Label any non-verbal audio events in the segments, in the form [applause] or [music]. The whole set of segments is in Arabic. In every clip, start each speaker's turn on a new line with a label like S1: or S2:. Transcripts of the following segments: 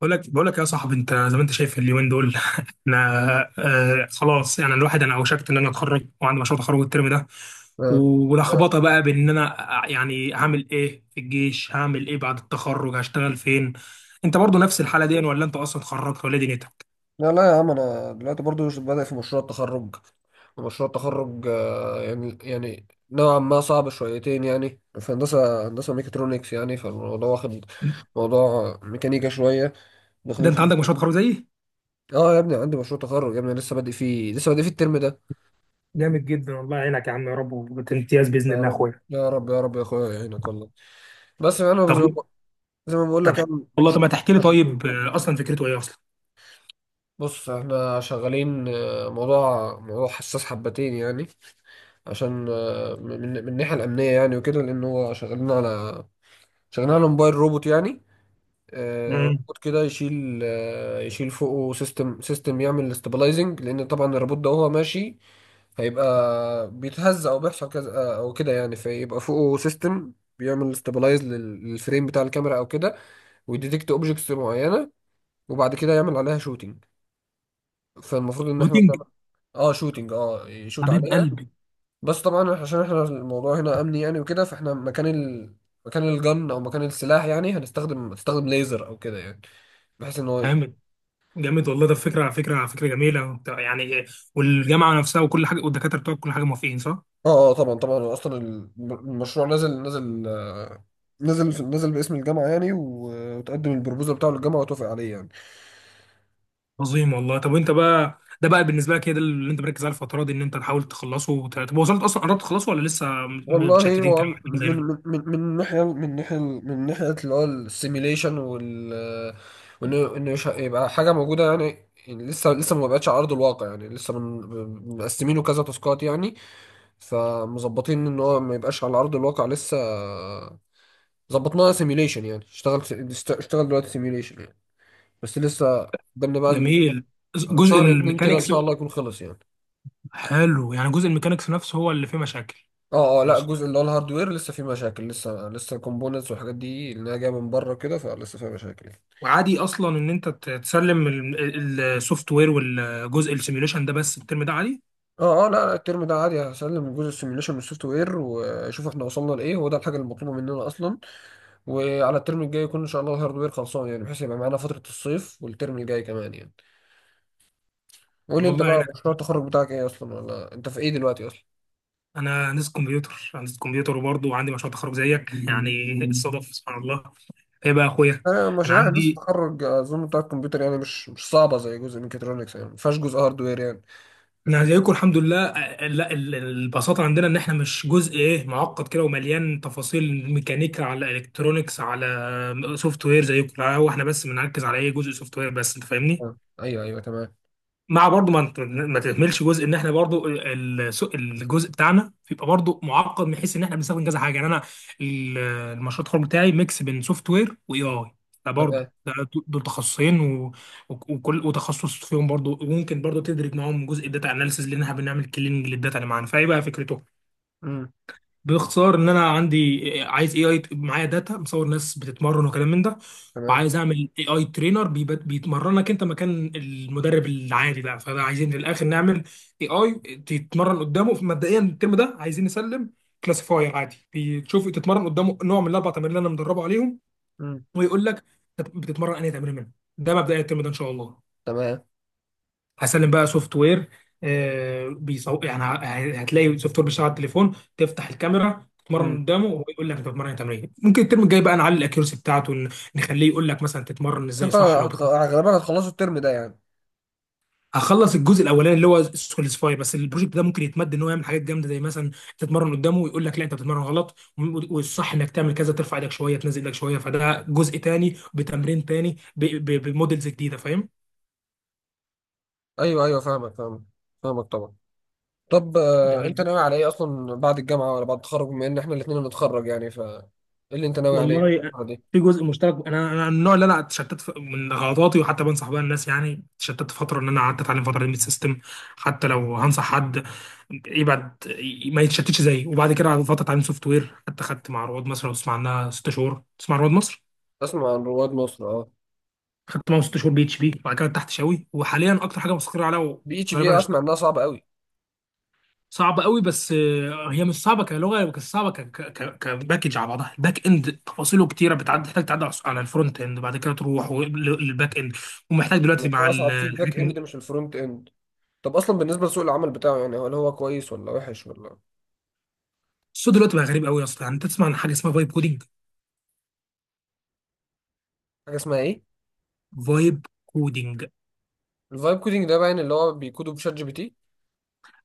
S1: بقول لك يا صاحبي، انت زي ما انت شايف اليومين دول. [laughs] انا خلاص، يعني الواحد انا اوشكت ان انا اتخرج وعندي مشروع تخرج الترم ده،
S2: آه.
S1: ولخبطه بقى بان انا يعني هعمل ايه في الجيش، هعمل ايه بعد التخرج، هشتغل فين؟ انت برضو نفس الحاله دي ولا انت اصلا اتخرجت ولا إيه دنيتك؟
S2: لا لا يا عم انا دلوقتي برضو بدأ في مشروع التخرج. ومشروع التخرج نوعا ما صعب شويتين يعني، في هندسة ميكاترونكس يعني، فالموضوع واخد موضوع ميكانيكا شوية،
S1: ده
S2: داخلين
S1: انت
S2: في.
S1: عندك مشروع تخرج زيي؟
S2: اه يا ابني، عندي مشروع تخرج يا ابني، لسه بادئ فيه لسه بادئ فيه الترم ده.
S1: جامد جدا، والله يعينك يا عم، يا رب وبتمتياز باذن
S2: يا
S1: الله يا
S2: رب
S1: اخويا.
S2: يا رب يا رب يا اخويا يعينك والله. بس انا
S1: طب.
S2: زي ما بقول
S1: طب.
S2: لك يعني،
S1: والله
S2: مش
S1: طب ما تحكي لي
S2: حبتين
S1: طيب،
S2: يعني.
S1: اصلا فكرته ايه اصلا؟
S2: بص احنا شغالين موضوع حساس حبتين يعني، عشان من الناحيه الامنيه يعني وكده، لان هو شغالين على موبايل روبوت يعني.
S1: امم
S2: روبوت كده يشيل يشيل فوقه سيستم يعمل استابلايزنج، لان طبعا الروبوت ده وهو ماشي هيبقى بيتهز او بيحصل كذا، او كده يعني، فيبقى فوقه سيستم بيعمل استابلايز للفريم بتاع الكاميرا او كده، ويديتكت اوبجكتس معينه، وبعد كده يعمل عليها شوتينج. فالمفروض ان احنا.
S1: روتين.
S2: اه شوتينج، اه يشوت
S1: حبيب
S2: عليها.
S1: قلبي.
S2: بس طبعا عشان احنا الموضوع هنا امني يعني وكده، فاحنا مكان الجن او مكان السلاح، يعني هنستخدم ليزر او كده يعني، بحيث ان هو
S1: فاهم. جامد والله، ده فكره جميله وبتاع- يعني والجامعه نفسها وكل حاجه والدكاتره بتوعك كل حاجه موافقين صح؟
S2: اه طبعا، هو اصلا المشروع نزل نزل آه، نزل نزل باسم الجامعه يعني، وتقدم البروبوزال بتاعه للجامعه وتوافق عليه يعني.
S1: عظيم والله. طب وانت بقى ده بقى بالنسبه لك، هي ده اللي انت مركز عليه الفتره دي ان انت تحاول تخلصه وت- طب وصلت اصلا، قربت تخلصه ولا لسه
S2: والله
S1: متشتتين
S2: هو
S1: كده؟
S2: من
S1: زي ما-
S2: من من من ناحية من ناحية من ناحية اللي هو السيميليشن وال. وإن مش يبقى حاجة موجودة يعني، يعني لسه ما بقتش على أرض الواقع يعني، لسه من مقسمينه كذا تاسكات يعني. فمظبطين إن هو ما يبقاش على أرض الواقع لسه، ظبطناها سيميليشن يعني، اشتغل اشتغل دلوقتي سيميليشن يعني. بس لسه قدامنا بقى
S1: جميل. جزء
S2: شهر اتنين كده، إن
S1: الميكانيكس.
S2: شاء الله يكون خلص يعني.
S1: حلو، يعني جزء الميكانيكس نفسه هو اللي فيه مشاكل؟
S2: اه لا، الجزء اللي هو الهاردوير لسه فيه مشاكل، لسه الكومبوننتس والحاجات دي اللي هي جايه من بره كده، فلسه فيها مشاكل يعني.
S1: وعادي اصلا ان انت تسلم السوفت وير والجزء السيميوليشن ده بس الترم ده، عادي.
S2: اه لا لا، الترم ده عادي هسلم جزء السيميوليشن من السوفت وير، واشوف احنا وصلنا لايه، هو ده الحاجه المطلوبه مننا اصلا. وعلى الترم الجاي يكون ان شاء الله الهاردوير خلصان يعني، بحيث يبقى معانا فتره الصيف والترم الجاي كمان يعني. قول
S1: طب
S2: لي انت
S1: والله
S2: بقى،
S1: يعينك.
S2: مشروع التخرج بتاعك ايه اصلا، ولا انت في ايه دلوقتي اصلا؟
S1: انا هندسه كمبيوتر، وبرضه عندي مشروع تخرج زيك يعني. [laughs] الصدف سبحان الله. ايه بقى يا اخويا؟
S2: انا
S1: انا
S2: مشاريع هندسه
S1: عندي
S2: التخرج اظن بتاع الكمبيوتر يعني، مش صعبه زي جزء ميكاترونكس يعني، ما فيهاش جزء هاردوير يعني.
S1: انا زيكم الحمد لله، لا البساطه عندنا ان احنا مش جزء ايه معقد كده ومليان تفاصيل ميكانيكا على الكترونكس على سوفت وير زيكم، لا، هو احنا بس بنركز على ايه، جزء سوفت وير بس، انت فاهمني.
S2: ايوه ايوه تمام.
S1: مع برضو ما انت ما تهملش جزء ان احنا برضو الجزء بتاعنا بيبقى برضو معقد من حيث ان احنا بنستخدم كذا حاجه، يعني انا المشروع التخرج بتاعي ميكس بين سوفت وير واي اي،
S2: تمام.
S1: فبرضو ده دول تخصصين وتخصص فيهم برضو، وممكن برضو تدرك معاهم جزء الداتا اناليسز لانها بنعمل كليننج للداتا اللي معانا. فايه بقى فكرته؟
S2: امم.
S1: باختصار ان انا عايز اي اي معايا داتا مصور ناس بتتمرن وكلام من ده،
S2: تمام.
S1: وعايز اعمل اي اي ترينر بيتمرنك انت مكان المدرب العادي بقى، فده عايزين في الاخر نعمل اي اي تتمرن قدامه. مبدئيا الترم ده عايزين نسلم كلاسيفاير عادي بتشوف تتمرن قدامه نوع من الاربع تمارين اللي انا مدربه عليهم،
S2: مم.
S1: ويقول لك بتتمرن انهي تمرين منهم. ده مبدئيا الترم ده ان شاء الله.
S2: تمام.
S1: هسلم بقى سوفت وير، يعني هتلاقي سوفت وير بيشتغل على التليفون، تفتح الكاميرا تتمرن
S2: مم.
S1: قدامه وهو يقول لك انت بتتمرن تمرين. ممكن الترم الجاي بقى نعلي الاكيورسي بتاعته، نخليه يقول لك مثلا تتمرن ازاي
S2: انت
S1: صح لو
S2: غالبا هتخلصوا الترم ده يعني.
S1: هخلص الجزء الاولاني اللي هو سكولسفاي، بس البروجكت ده ممكن يتمد ان هو يعمل حاجات جامده زي مثلا تتمرن قدامه ويقول لك لا انت بتتمرن غلط، والصح انك تعمل كذا، ترفع ايدك شويه تنزل ايدك شويه، فده جزء تاني بتمرين تاني بموديلز جديده، فاهم؟
S2: ايوه ايوه، فاهمك فاهمك، فاهمك طبعا. طب انت
S1: جميل
S2: ناوي على ايه اصلا بعد الجامعه ولا بعد التخرج؟ بما ان احنا الاثنين هنتخرج يعني، ف ايه اللي انت ناوي عليه
S1: والله.
S2: الفتره دي؟
S1: في جزء مشترك، انا من النوع اللي انا اتشتت من غلطاتي، وحتى بنصح بيها الناس يعني. اتشتت فتره ان انا قعدت اتعلم فتره ليميت سيستم، حتى لو هنصح حد يبعد ما يتشتتش زيي. وبعد كده قعدت فتره اتعلم سوفت وير، حتى خدت مع رواد مصر لو تسمع عنها، 6 شهور تسمع عن رواد مصر؟
S2: اسمع عن رواد مصر، اه.
S1: خدت معاهم 6 شهور بي اتش بي، وبعد كده تحت شاوي، وحاليا اكتر حاجه مستقر عليها
S2: بي اتش بي،
S1: وغالبا
S2: اسمع انها صعبه قوي.
S1: صعبه قوي. بس هي مش صعبه كلغه، بس صعبه كباكج على بعضها. الباك اند تفاصيله كتيره بتعدي، تحتاج تعدي على الفرونت اند، بعد كده تروح للباك اند. ومحتاج دلوقتي مع
S2: اصعب في الباك
S1: الحاجات
S2: اند مش الفرونت اند؟ طب اصلا بالنسبه لسوق العمل بتاعه يعني، هل هو كويس ولا وحش ولا؟
S1: الصوت دلوقتي بقى غريب قوي يا اسطى، يعني انت تسمع عن حاجه اسمها فايب كودينج؟
S2: حاجه اسمها ايه؟
S1: فايب كودينج.
S2: الفايب كودينج ده باين اللي هو بيكودوا بشات جي بي تي.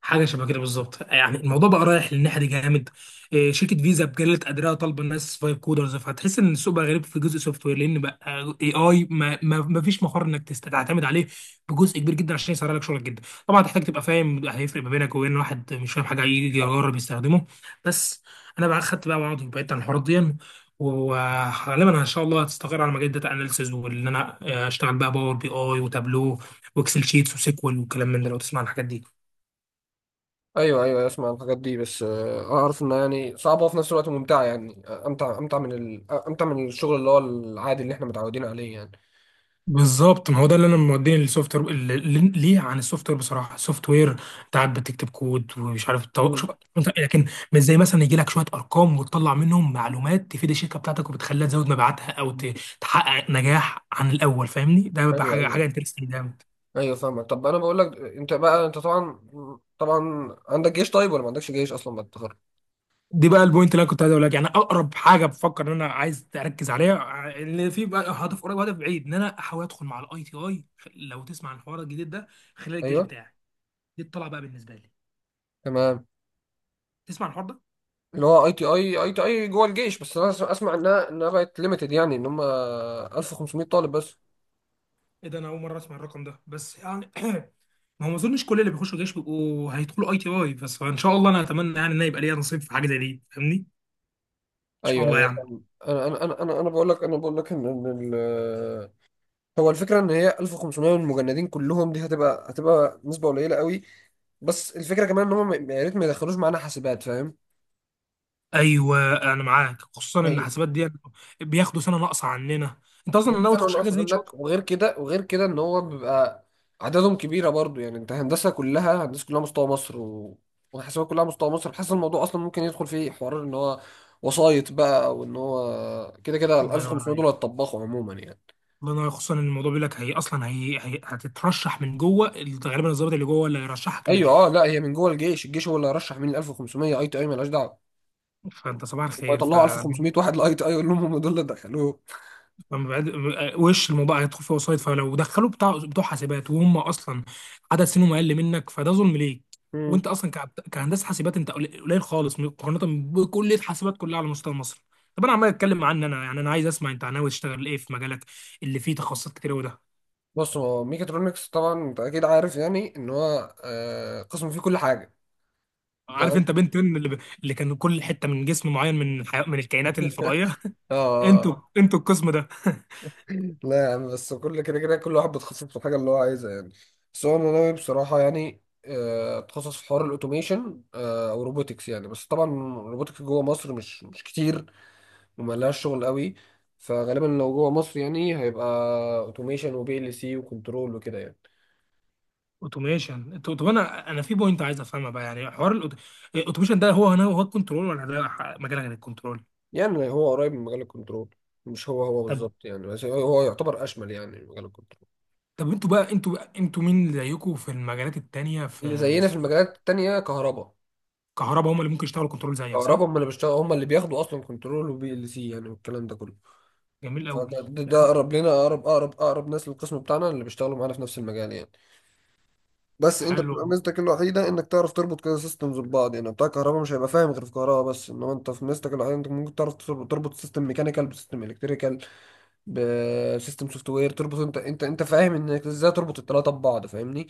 S1: حاجه شبه كده بالظبط، يعني الموضوع بقى رايح للناحيه دي جامد. إيه، شركه فيزا بجلت قدرها طالبه الناس فايب كودرز، فهتحس ان السوق بقى غريب في جزء سوفت وير لان بقى اي اي ما فيش مفر انك تعتمد عليه بجزء كبير جدا عشان يسرع لك شغلك جدا. طبعا هتحتاج تبقى فاهم، هيفرق ما بينك وبين واحد مش فاهم حاجه يجي يجرب يستخدمه بس. انا بقى خدت بقى وعض وبعدت عن الحوارات دي، وغالبا ان شاء الله هتستقر على مجال داتا اناليسز، وان انا اشتغل بقى باور بي اي وتابلو واكسل شيتس وسيكوال والكلام من ده لو تسمع عن الحاجات دي.
S2: ايوه ايوه أيوة، اسمع عن الحاجات دي، بس اعرف انها يعني صعبه وفي نفس الوقت ممتعه يعني، امتع من الشغل اللي هو العادي اللي احنا متعودين عليه يعني.
S1: بالظبط، ما هو ده اللي انا موديني للسوفت وير، ليه عن السوفت وير بصراحه؟ السوفت وير انت قاعد بتكتب كود ومش عارف
S2: مم.
S1: شوف لكن مش زي مثلا يجي لك شويه ارقام وتطلع منهم معلومات تفيد الشركه بتاعتك وبتخليها تزود مبيعاتها او تحقق نجاح عن الاول، فاهمني؟ ده بيبقى
S2: ايوه
S1: حاجه
S2: ايوه.
S1: حاجه انترستنج جامد.
S2: ايوه فاهمك. طب انا بقول لك، انت طبعا طبعا عندك جيش طيب ولا ما عندكش جيش اصلا بعد التخرج؟
S1: دي بقى البوينت اللي انا كنت عايز اقول لك، يعني اقرب حاجه بفكر ان انا عايز اركز عليها، اللي في بقى هدف قريب وهدف بعيد ان انا احاول ادخل مع الاي تي اي. لو تسمع عن الحوار الجديد ده، خلال الجيش
S2: ايوه.
S1: بتاعي. دي الطلعه بقى بالنسبه لي.
S2: تمام.
S1: تسمع عن الحوار ده؟
S2: اللي هو اي تي اي جوه الجيش، بس انا اسمع انها بقت ليميتد يعني، ان هم 1500 طالب بس.
S1: ايه ده، انا اول مره اسمع الرقم ده، بس يعني [clears throat] ما هو ما اظنش كل اللي بيخشوا الجيش بيبقوا هيدخلوا اي تي اي، بس فان شاء الله انا اتمنى يعني ان أنا يبقى ليا نصيب في حاجه زي دي فاهمني، ان شاء
S2: ايوه
S1: الله
S2: ايوه
S1: يعني.
S2: فاهم. انا بقول لك، ان هو الفكرة ان هي 1500 من المجندين كلهم دي، هتبقى نسبة قليلة قوي. بس الفكرة كمان ان هم يا ريت ما يدخلوش معانا حاسبات، فاهم؟
S1: ايوه انا معاك، خصوصا ان
S2: هي-
S1: حسابات دي بياخدوا سنه ناقصه عننا. انت اصلا
S2: جايب
S1: ناوي
S2: سنة
S1: تخش حاجه
S2: ناقص
S1: زي دي ان شاء
S2: عندك،
S1: الله؟
S2: وغير كده وغير كده ان هو بيبقى عددهم كبيرة برضو يعني، انت هندسة كلها، هندسة كلها مستوى مصر، و... وحاسبات كلها مستوى مصر. بحس الموضوع اصلا ممكن يدخل فيه حوار ان هو وسايط بقى، وان هو كده كده ال
S1: الله ينور
S2: 1500 دول
S1: عليك.
S2: هيتطبخوا عموما يعني.
S1: الله ينور عليك. خصوصا ان الموضوع بيقول لك هي اصلا هي هتترشح من جوه، غالبا الضابط اللي جوه اللي هيرشحك
S2: ايوه. اه لا، هي من جوه الجيش، الجيش هو اللي هيرشح مين ال 1500، اي تي اي مالهاش دعوة.
S1: فانت صباح
S2: هم
S1: الخير ف
S2: يطلعوا 1500 واحد لاي تي اي، يقول لهم هم دول اللي دخلوه.
S1: لما بعد وش الموضوع هيدخل فيه وسايط، فلو دخلوا بتوع حاسبات وهم اصلا عدد سنهم اقل منك فده ظلم ليك.
S2: مم.
S1: وانت اصلا كهندسه حاسبات انت قليل قليل خالص مقارنه بكليه حاسبات كلها على مستوى مصر. طب انا عمال اتكلم عني انا يعني، انا عايز اسمع انت ناوي تشتغل ايه في مجالك اللي فيه تخصصات كتير وده.
S2: بص، هو ميكاترونكس طبعا انت اكيد عارف يعني ان هو قسم فيه كل حاجه.
S1: عارف
S2: تمام.
S1: انت بنت ان اللي، اللي كان كل حته من جسم معين من من الكائنات الفضائيه. [laughs]
S2: اه
S1: انتوا القسم ده.
S2: لا يا عم، بس كل كده كده كل واحد بيتخصص في الحاجه اللي هو عايزها يعني. بس هو انا ناوي بصراحه يعني، اتخصص في حوار الاوتوميشن، او روبوتكس يعني. بس طبعا الروبوتكس جوه مصر مش كتير وملهاش شغل قوي. فغالبا لو جوه مصر يعني هيبقى اوتوميشن وبي ال سي وكنترول وكده يعني.
S1: اوتوميشن. طب انا في بوينت عايز افهمها بقى، يعني حوار الاوتوميشن ده هو هنا هو الكنترول، ولا ده مجال غير الكنترول؟
S2: يعني هو قريب من مجال الكنترول، مش هو
S1: طب.
S2: بالظبط يعني، بس هو هو يعتبر اشمل يعني مجال الكنترول.
S1: طب انتوا مين اللي زيكم في المجالات التانية،
S2: اللي
S1: في,
S2: زينا
S1: في
S2: في المجالات التانية كهرباء.
S1: الكهرباء؟ هم اللي ممكن يشتغلوا كنترول زيك
S2: كهرباء
S1: صح؟
S2: هم اللي بيشتغلوا، هم اللي بياخدوا اصلا كنترول وبي ال سي يعني، والكلام ده كله.
S1: جميل قوي.
S2: فده ده ده
S1: يعني
S2: اقرب لنا، اقرب ناس للقسم بتاعنا، اللي بيشتغلوا معانا في نفس المجال يعني. بس انت
S1: حلو.
S2: بتبقى ميزتك الوحيده انك تعرف تربط كده سيستمز ببعض يعني. بتاع كهرباء مش هيبقى فاهم غير في كهرباء بس، انما انت في ميزتك الوحيده، انت ممكن تعرف تربط سيستم ميكانيكال بسيستم الكتريكال بسيستم سوفت وير، تربط. انت فاهم انك ازاي تربط الثلاثه ببعض، فاهمني؟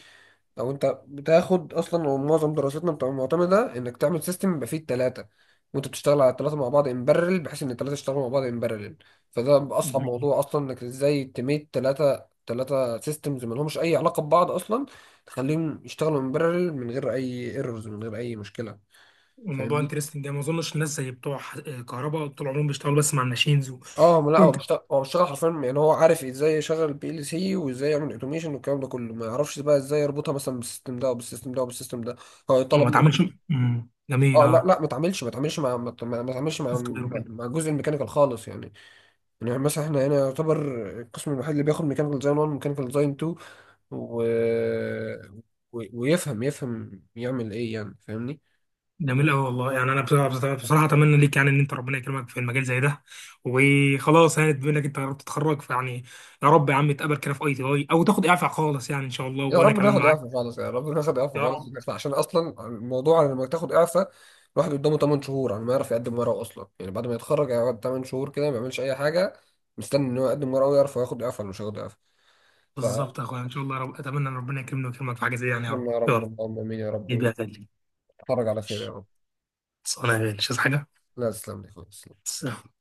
S2: او انت بتاخد اصلا، ومعظم دراستنا بتبقى معتمده انك تعمل سيستم يبقى فيه الثلاثه، وانت بتشتغل على الثلاثه مع بعض ان بارلل، بحيث ان الثلاثه يشتغلوا مع بعض ان بارلل. فده اصعب
S1: جميل.
S2: موضوع اصلا، انك ازاي تميت ثلاثه، ثلاثه سيستمز ما لهمش اي علاقه ببعض اصلا، تخليهم يشتغلوا ان بارلل من غير اي ايرورز من غير اي مشكله،
S1: الموضوع
S2: فاهمني؟
S1: انترستنج ده ما اظنش الناس زي بتوع كهرباء طول عمرهم بيشتغلوا بس مع الماشينز
S2: اه ما لا، هو
S1: وانت
S2: بيشتغل هو بيشتغل حرفيا يعني، هو عارف ازاي يشغل البي ال سي وازاي يعمل اوتوميشن والكلام ده كله، ما يعرفش بقى ازاي يربطها مثلا بالسيستم ده او بالسيستم ده او بالسيستم ده. هو يطلب
S1: وما تعملش.
S2: منه.
S1: جميل
S2: اه لا
S1: اه.
S2: لا، ما تعملش ما تعملش مع ما تعملش مع
S1: سوفت وير
S2: مع
S1: وكده.
S2: مع جزء الميكانيكال خالص يعني. يعني مثلا احنا هنا يعتبر القسم الوحيد اللي بياخد ميكانيكال ديزاين 1 ميكانيكال ديزاين 2، و... و... ويفهم يفهم يعمل ايه يعني، فاهمني؟
S1: جميل أوي والله. يعني أنا بصراحة أتمنى ليك يعني إن أنت ربنا يكرمك في المجال زي ده. وخلاص يعني بما إنك أنت قربت تتخرج فيعني. يا رب يا عم تقابل كده في أي تي أي أو تاخد إعفاء خالص يعني إن شاء الله،
S2: يا
S1: وأنا
S2: رب
S1: كمان
S2: ناخد إعفاء
S1: معاك.
S2: خالص، يا رب ناخد إعفاء
S1: يا
S2: خالص
S1: رب.
S2: ونطلع، عشان أصلا الموضوع على لما تاخد إعفاء الواحد قدامه 8 شهور على ما يعرف يقدم ورقه أصلا يعني. بعد ما يتخرج هيقعد 8 شهور كده ما بيعملش أي حاجة، مستني إن هو يقدم ورقه ويعرف هو ياخد إعفاء ولا مش هياخد إعفاء، فاكرم.
S1: بالظبط يا أخويا إن شاء الله، يا رب أتمنى إن ربنا يكرمني ويكرمك في حاجة زي دي، يعني يا
S2: يا
S1: رب يا
S2: رب،
S1: رب.
S2: اللهم آمين يا
S1: جيب
S2: رب،
S1: يا تاني.
S2: ويتخرج على خير يا رب.
S1: خلاص، أنا يا غالي. مش عايز حاجة.
S2: لا تسلم لي خالص.
S1: سلام.